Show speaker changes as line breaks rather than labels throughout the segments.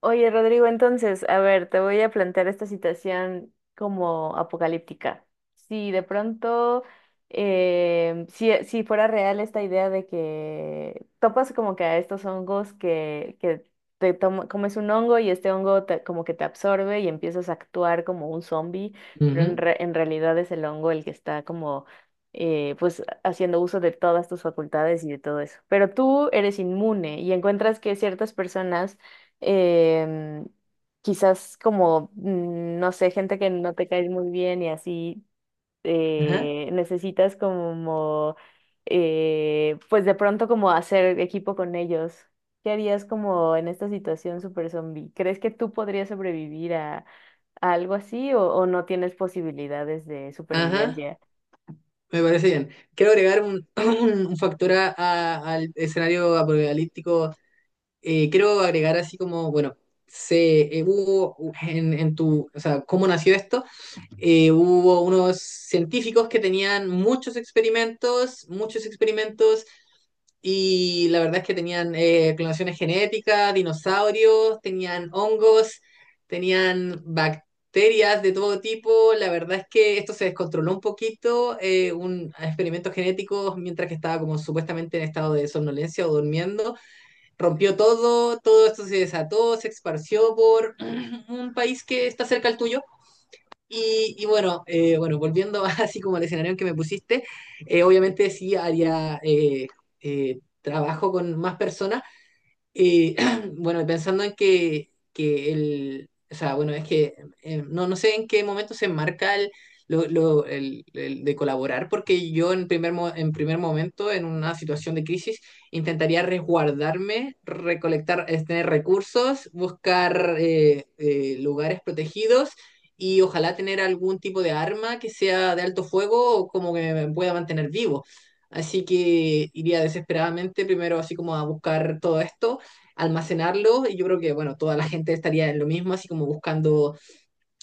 Oye, Rodrigo, entonces, a ver, te voy a plantear esta situación como apocalíptica. Si de pronto, si fuera real esta idea de que topas como que a estos hongos que comes un hongo y este hongo como que te absorbe y empiezas a actuar como un zombie, pero
Ujú.
en realidad es el hongo el que está como, pues, haciendo uso de todas tus facultades y de todo eso. Pero tú eres inmune y encuentras que ciertas personas em, quizás como, no sé, gente que no te cae muy bien y así,
Ajá,
necesitas como, pues de pronto como hacer equipo con ellos. ¿Qué harías como en esta situación super zombie? ¿Crees que tú podrías sobrevivir a algo así o no tienes posibilidades de
ajá.
supervivencia?
Me parece bien. Quiero agregar un factor al escenario apocalíptico. Quiero agregar así como, bueno, se hubo en tu, o sea, cómo nació esto. Hubo unos científicos que tenían muchos experimentos, muchos experimentos. Y la verdad es que tenían clonaciones genéticas, dinosaurios, tenían hongos, tenían bacterias de todo tipo. La verdad es que esto se descontroló un poquito, un experimento genético, mientras que estaba como supuestamente en estado de somnolencia o durmiendo. Rompió todo, todo esto se desató, se esparció por un país que está cerca al tuyo y bueno, bueno, volviendo así como al escenario en que me pusiste, obviamente sí haría trabajo con más personas, y bueno, y pensando en que el, o sea, bueno, es que no, no sé en qué momento se enmarca el, lo- el de colaborar, porque yo en en primer momento, en una situación de crisis, intentaría resguardarme, recolectar, tener recursos, buscar lugares protegidos y ojalá tener algún tipo de arma que sea de alto fuego o como que me pueda mantener vivo. Así que iría desesperadamente primero así como a buscar todo esto, almacenarlo, y yo creo que, bueno, toda la gente estaría en lo mismo, así como buscando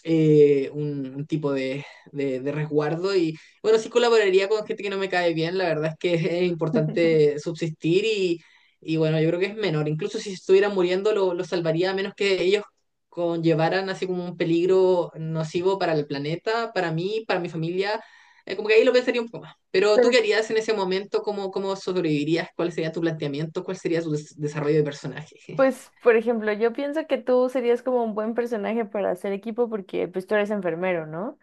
un tipo de resguardo y, bueno, sí colaboraría con gente que no me cae bien, la verdad es que es importante subsistir, y bueno, yo creo que es menor, incluso si estuvieran muriendo lo salvaría a menos que ellos conllevaran así como un peligro nocivo para el planeta, para mí, para mi familia. Como que ahí lo pensaría un poco más. Pero tú
Pero,
qué harías en ese momento, ¿cómo sobrevivirías? ¿Cuál sería tu planteamiento? ¿Cuál sería tu desarrollo de personaje?
pues, por ejemplo, yo pienso que tú serías como un buen personaje para hacer equipo porque pues tú eres enfermero, ¿no?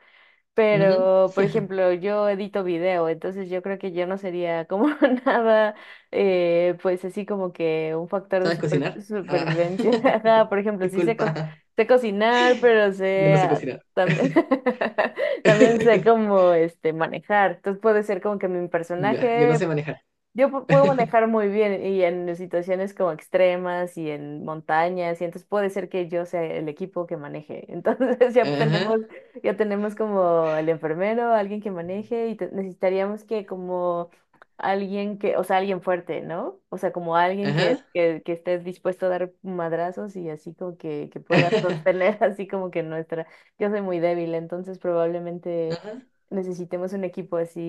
Ujú.
Pero, por ejemplo, yo edito video, entonces yo creo que yo no sería como nada, pues así como que un factor de
¿Sabes cocinar? Ah,
supervivencia. Ajá. Por ejemplo, sí sé,
disculpa,
sé cocinar, pero
yo
sé
no sé cocinar.
también, también sé como este, manejar. Entonces puede ser como que mi
Ya, yo no
personaje
sé manejar.
yo puedo manejar muy bien y en situaciones como extremas y en montañas, y entonces puede ser que yo sea el equipo que maneje. Entonces
Ajá,
ya tenemos como el enfermero, alguien que maneje, y necesitaríamos que como alguien que, o sea, alguien fuerte, ¿no? O sea, como alguien
ajá,
que esté dispuesto a dar madrazos y así como que pueda sostener así como que nuestra. Yo soy muy débil, entonces probablemente
ajá.
necesitemos un equipo así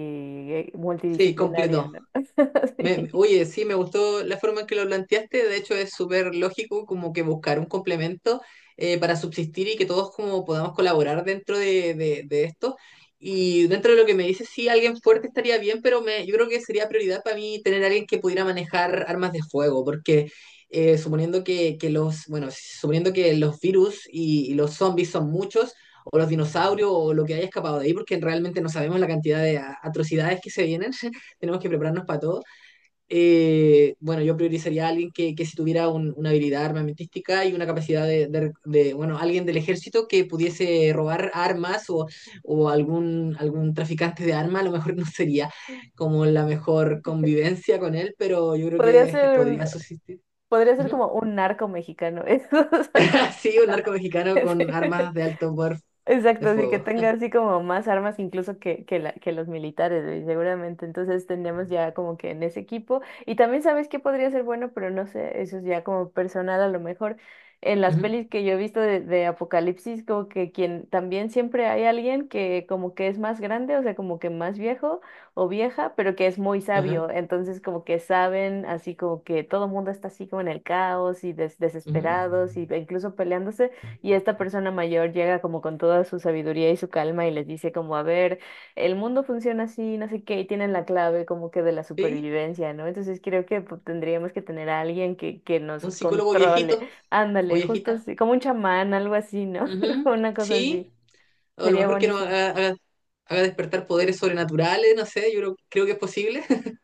Sí,
multidisciplinario,
completo.
¿no? Sí.
Oye, sí, me gustó la forma en que lo planteaste. De hecho, es súper lógico como que buscar un complemento para subsistir y que todos como podamos colaborar dentro de, de esto. Y dentro de lo que me dices, sí, alguien fuerte estaría bien, pero me, yo creo que sería prioridad para mí tener alguien que pudiera manejar armas de fuego, porque suponiendo que los, bueno, suponiendo que los virus y los zombies son muchos, o los dinosaurios, o lo que haya escapado de ahí, porque realmente no sabemos la cantidad de atrocidades que se vienen. Tenemos que prepararnos para todo. Bueno, yo priorizaría a alguien que si tuviera una habilidad armamentística y una capacidad de, de, bueno, alguien del ejército que pudiese robar armas o algún traficante de armas, a lo mejor no sería como la mejor convivencia con él, pero yo creo
Podría
que
ser un,
podría subsistir.
podría ser
Ujú.
como un narco mexicano, eso, o sea,
Sí, un narco mexicano con
sí.
armas de alto poder de
Exacto, así que
fuego.
tenga así como más armas incluso que los militares, güey, seguramente. Entonces tendríamos ya como que en ese equipo. Y también sabes que podría ser bueno, pero no sé, eso es ya como personal a lo mejor. En las
Ujú.
pelis que yo he visto de Apocalipsis, como que quien también siempre hay alguien que como que es más grande, o sea, como que más viejo o vieja, pero que es muy
Ajá,
sabio. Entonces como que saben, así como que todo el mundo está así como en el caos y
ujú.
desesperados y e incluso peleándose. Y esta persona mayor llega como con toda su sabiduría y su calma y les dice como, a ver, el mundo funciona así, no sé qué, y tienen la clave como que de la
Sí,
supervivencia, ¿no? Entonces creo que pues, tendríamos que tener a alguien que nos
un psicólogo
controle.
viejito o
Ándale, justo
viejita.
así, como un chamán, algo así, ¿no?
Ujú.
Una cosa así.
Sí. O a lo
Sería
mejor que no
buenísimo.
haga despertar poderes sobrenaturales, no sé, yo creo, creo que es posible.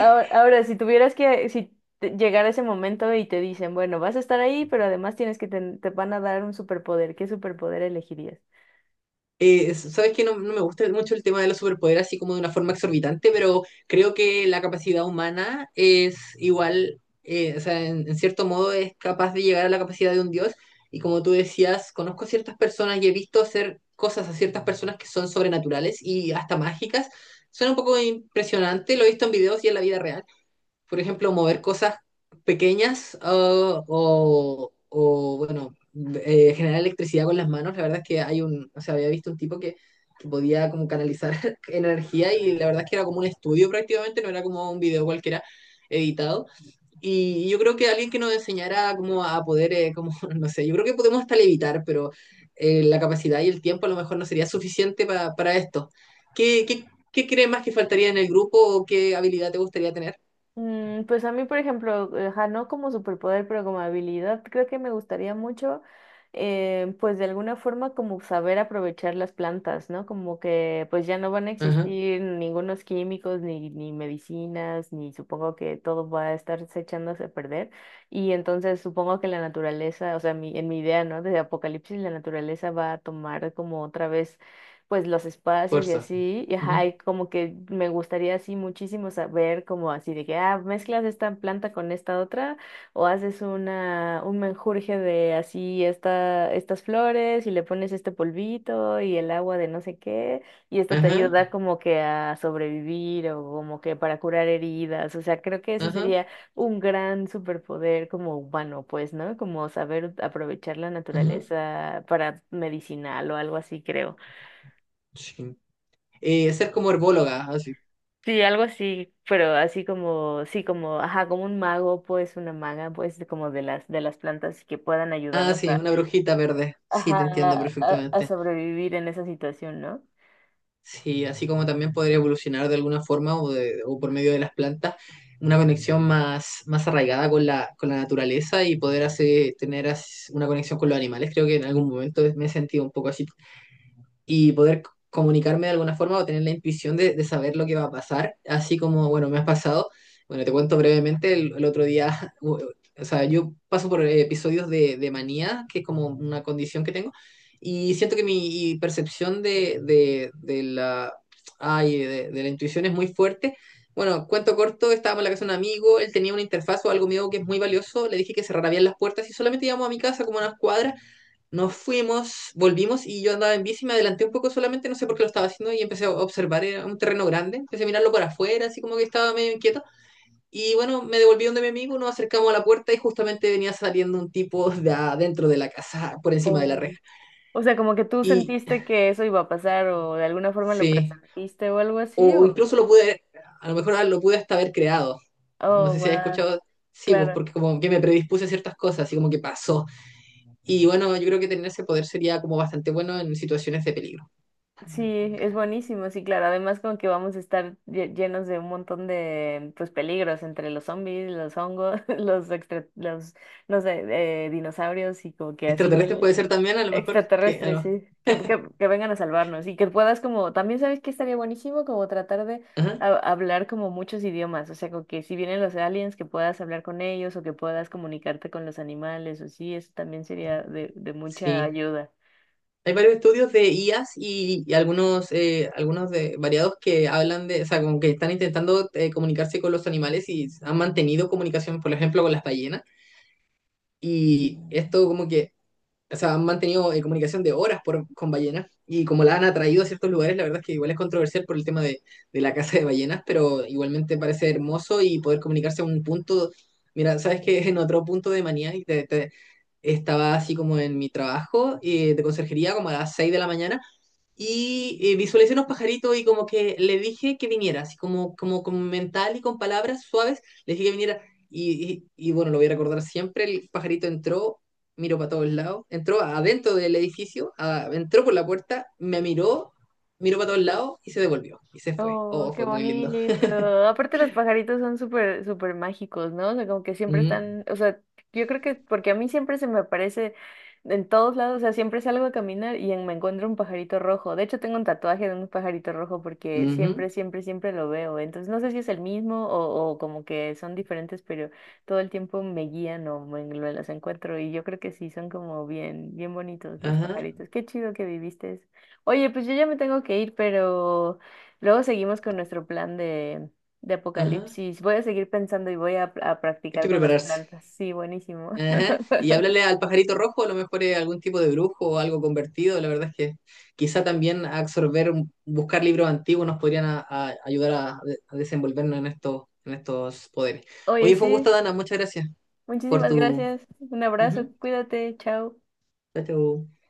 Ahora, ahora, si tuvieras que, si llegara ese momento y te dicen, bueno, vas a estar ahí, pero además tienes que, te van a dar un superpoder, ¿qué superpoder elegirías?
Sabes que no, no me gusta mucho el tema de los superpoderes así como de una forma exorbitante, pero creo que la capacidad humana es igual, o sea, en cierto modo es capaz de llegar a la capacidad de un dios. Y como tú decías, conozco ciertas personas y he visto hacer cosas a ciertas personas que son sobrenaturales y hasta mágicas. Suena un poco impresionante, lo he visto en videos y en la vida real, por ejemplo, mover cosas pequeñas, bueno, generar electricidad con las manos. La verdad es que hay un, o sea, había visto un tipo que podía como canalizar energía y la verdad es que era como un estudio prácticamente, no era como un video cualquiera editado. Y yo creo que alguien que nos enseñara como a poder, como, no sé, yo creo que podemos hasta levitar, pero la capacidad y el tiempo a lo mejor no sería suficiente para esto. ¿Qué, qué, qué crees más que faltaría en el grupo o qué habilidad te gustaría tener?
Pues a mí, por ejemplo, ajá, no como superpoder, pero como habilidad, creo que me gustaría mucho, pues de alguna forma como saber aprovechar las plantas, ¿no? Como que pues ya no van a
Ajá.
existir ningunos químicos, ni medicinas, ni supongo que todo va a estarse echándose a perder. Y entonces supongo que la naturaleza, o sea, mi, en mi idea, ¿no? De apocalipsis, la naturaleza va a tomar como otra vez pues los espacios y
Fuerza.
así, y ajá,
Ujú.
y como que me gustaría así muchísimo saber como así de que, ah, mezclas esta planta con esta otra o haces una, un menjurje de así esta, estas flores y le pones este polvito y el agua de no sé qué, y esto te
Ajá,
ayuda como que a sobrevivir o como que para curar heridas, o sea, creo que ese
ajá,
sería un gran superpoder como humano, pues, ¿no? Como saber aprovechar la
ajá.
naturaleza para medicinal o algo así, creo.
Sí. Ser como herbóloga, así.
Sí, algo así, pero así como, sí, como, ajá, como un mago, pues, una maga, pues, de como de las plantas que puedan
Ah,
ayudarnos
sí,
a,
una brujita verde. Sí, te entiendo
ajá, a
perfectamente.
sobrevivir en esa situación, ¿no?
Sí, así como también podría evolucionar de alguna forma o, o por medio de las plantas, una conexión más, más arraigada con la naturaleza y poder hacer, tener una conexión con los animales. Creo que en algún momento me he sentido un poco así y poder comunicarme de alguna forma o tener la intuición de saber lo que va a pasar, así como, bueno, me has pasado. Bueno, te cuento brevemente, el otro día, o sea, yo paso por episodios de manía, que es como una condición que tengo, y siento que mi percepción de la intuición es muy fuerte. Bueno, cuento corto, estábamos en la casa de un amigo, él tenía una interfaz o algo mío que es muy valioso, le dije que cerrara bien las puertas y solamente íbamos a mi casa como unas cuadras. Nos fuimos, volvimos y yo andaba en bici, me adelanté un poco solamente, no sé por qué lo estaba haciendo y empecé a observar, era un terreno grande, empecé a mirarlo por afuera, así como que estaba medio inquieto. Y bueno, me devolví donde mi amigo, nos acercamos a la puerta y justamente venía saliendo un tipo de adentro de la casa, por encima de la
O,
reja.
o sea, como que tú
Y
sentiste que eso iba a pasar o de alguna forma lo
sí,
presentiste o algo así,
o
o,
incluso lo pude, a lo mejor lo pude hasta haber creado. No
oh,
sé si has
wow,
escuchado, sí, pues
claro.
porque como que me predispuse a ciertas cosas, así como que pasó. Y bueno, yo creo que tener ese poder sería como bastante bueno en situaciones de peligro.
Sí, es buenísimo, sí, claro. Además, como que vamos a estar llenos de un montón de pues peligros entre los zombies, los hongos, los extra, los no sé, dinosaurios y como que así
Extraterrestre
mil
puede ser también, a lo mejor que.
extraterrestres, sí, que vengan a salvarnos y que puedas como también sabes que estaría buenísimo como tratar de
Ajá,
hablar como muchos idiomas, o sea, como que si vienen los aliens que puedas hablar con ellos o que puedas comunicarte con los animales, o sí, eso también sería de mucha
sí.
ayuda.
Hay varios estudios de IAs y algunos, variados que hablan de, o sea, como que están intentando comunicarse con los animales y han mantenido comunicación, por ejemplo, con las ballenas. Y esto como que, o sea, han mantenido comunicación de horas por, con ballenas y como la han atraído a ciertos lugares, la verdad es que igual es controversial por el tema de la caza de ballenas, pero igualmente parece hermoso y poder comunicarse a un punto, mira, sabes que en otro punto de manía y estaba así como en mi trabajo de conserjería como a las 6 de la mañana y visualicé unos pajaritos y como que le dije que viniera, así como, como mental y con palabras suaves, le dije que viniera. Y bueno, lo voy a recordar siempre, el pajarito entró, miró para todos lados, entró adentro del edificio, entró por la puerta, me miró, miró para todos lados y se devolvió y se fue.
Oh,
Oh,
qué
fue muy lindo.
bonito. Aparte los pajaritos son súper, súper mágicos, ¿no? O sea, como que siempre
Ujú,
están, o sea, yo creo que porque a mí siempre se me aparece en todos lados, o sea, siempre salgo a caminar y me encuentro un pajarito rojo. De hecho, tengo un tatuaje de un pajarito rojo porque
ujú,
siempre, siempre, siempre lo veo. Entonces, no sé si es el mismo o como que son diferentes, pero todo el tiempo me guían o me los encuentro y yo creo que sí, son como bien, bien bonitos los
ajá,
pajaritos. Qué chido que viviste eso. Oye, pues yo ya me tengo que ir, pero... Luego seguimos con nuestro plan de
ajá.
apocalipsis. Voy a seguir pensando y voy a
Hay que
practicar con las
prepararse.
plantas. Sí, buenísimo.
Ajá. Y háblale al pajarito rojo, a lo mejor es algún tipo de brujo o algo convertido. La verdad es que quizá también absorber, buscar libros antiguos nos podrían a ayudar a desenvolvernos en estos poderes.
Oye,
Oye, fue un gusto,
sí,
Dana. Muchas gracias por
muchísimas
tu...
gracias. Un abrazo,
Ujú.
cuídate, chao.
Chao, chao.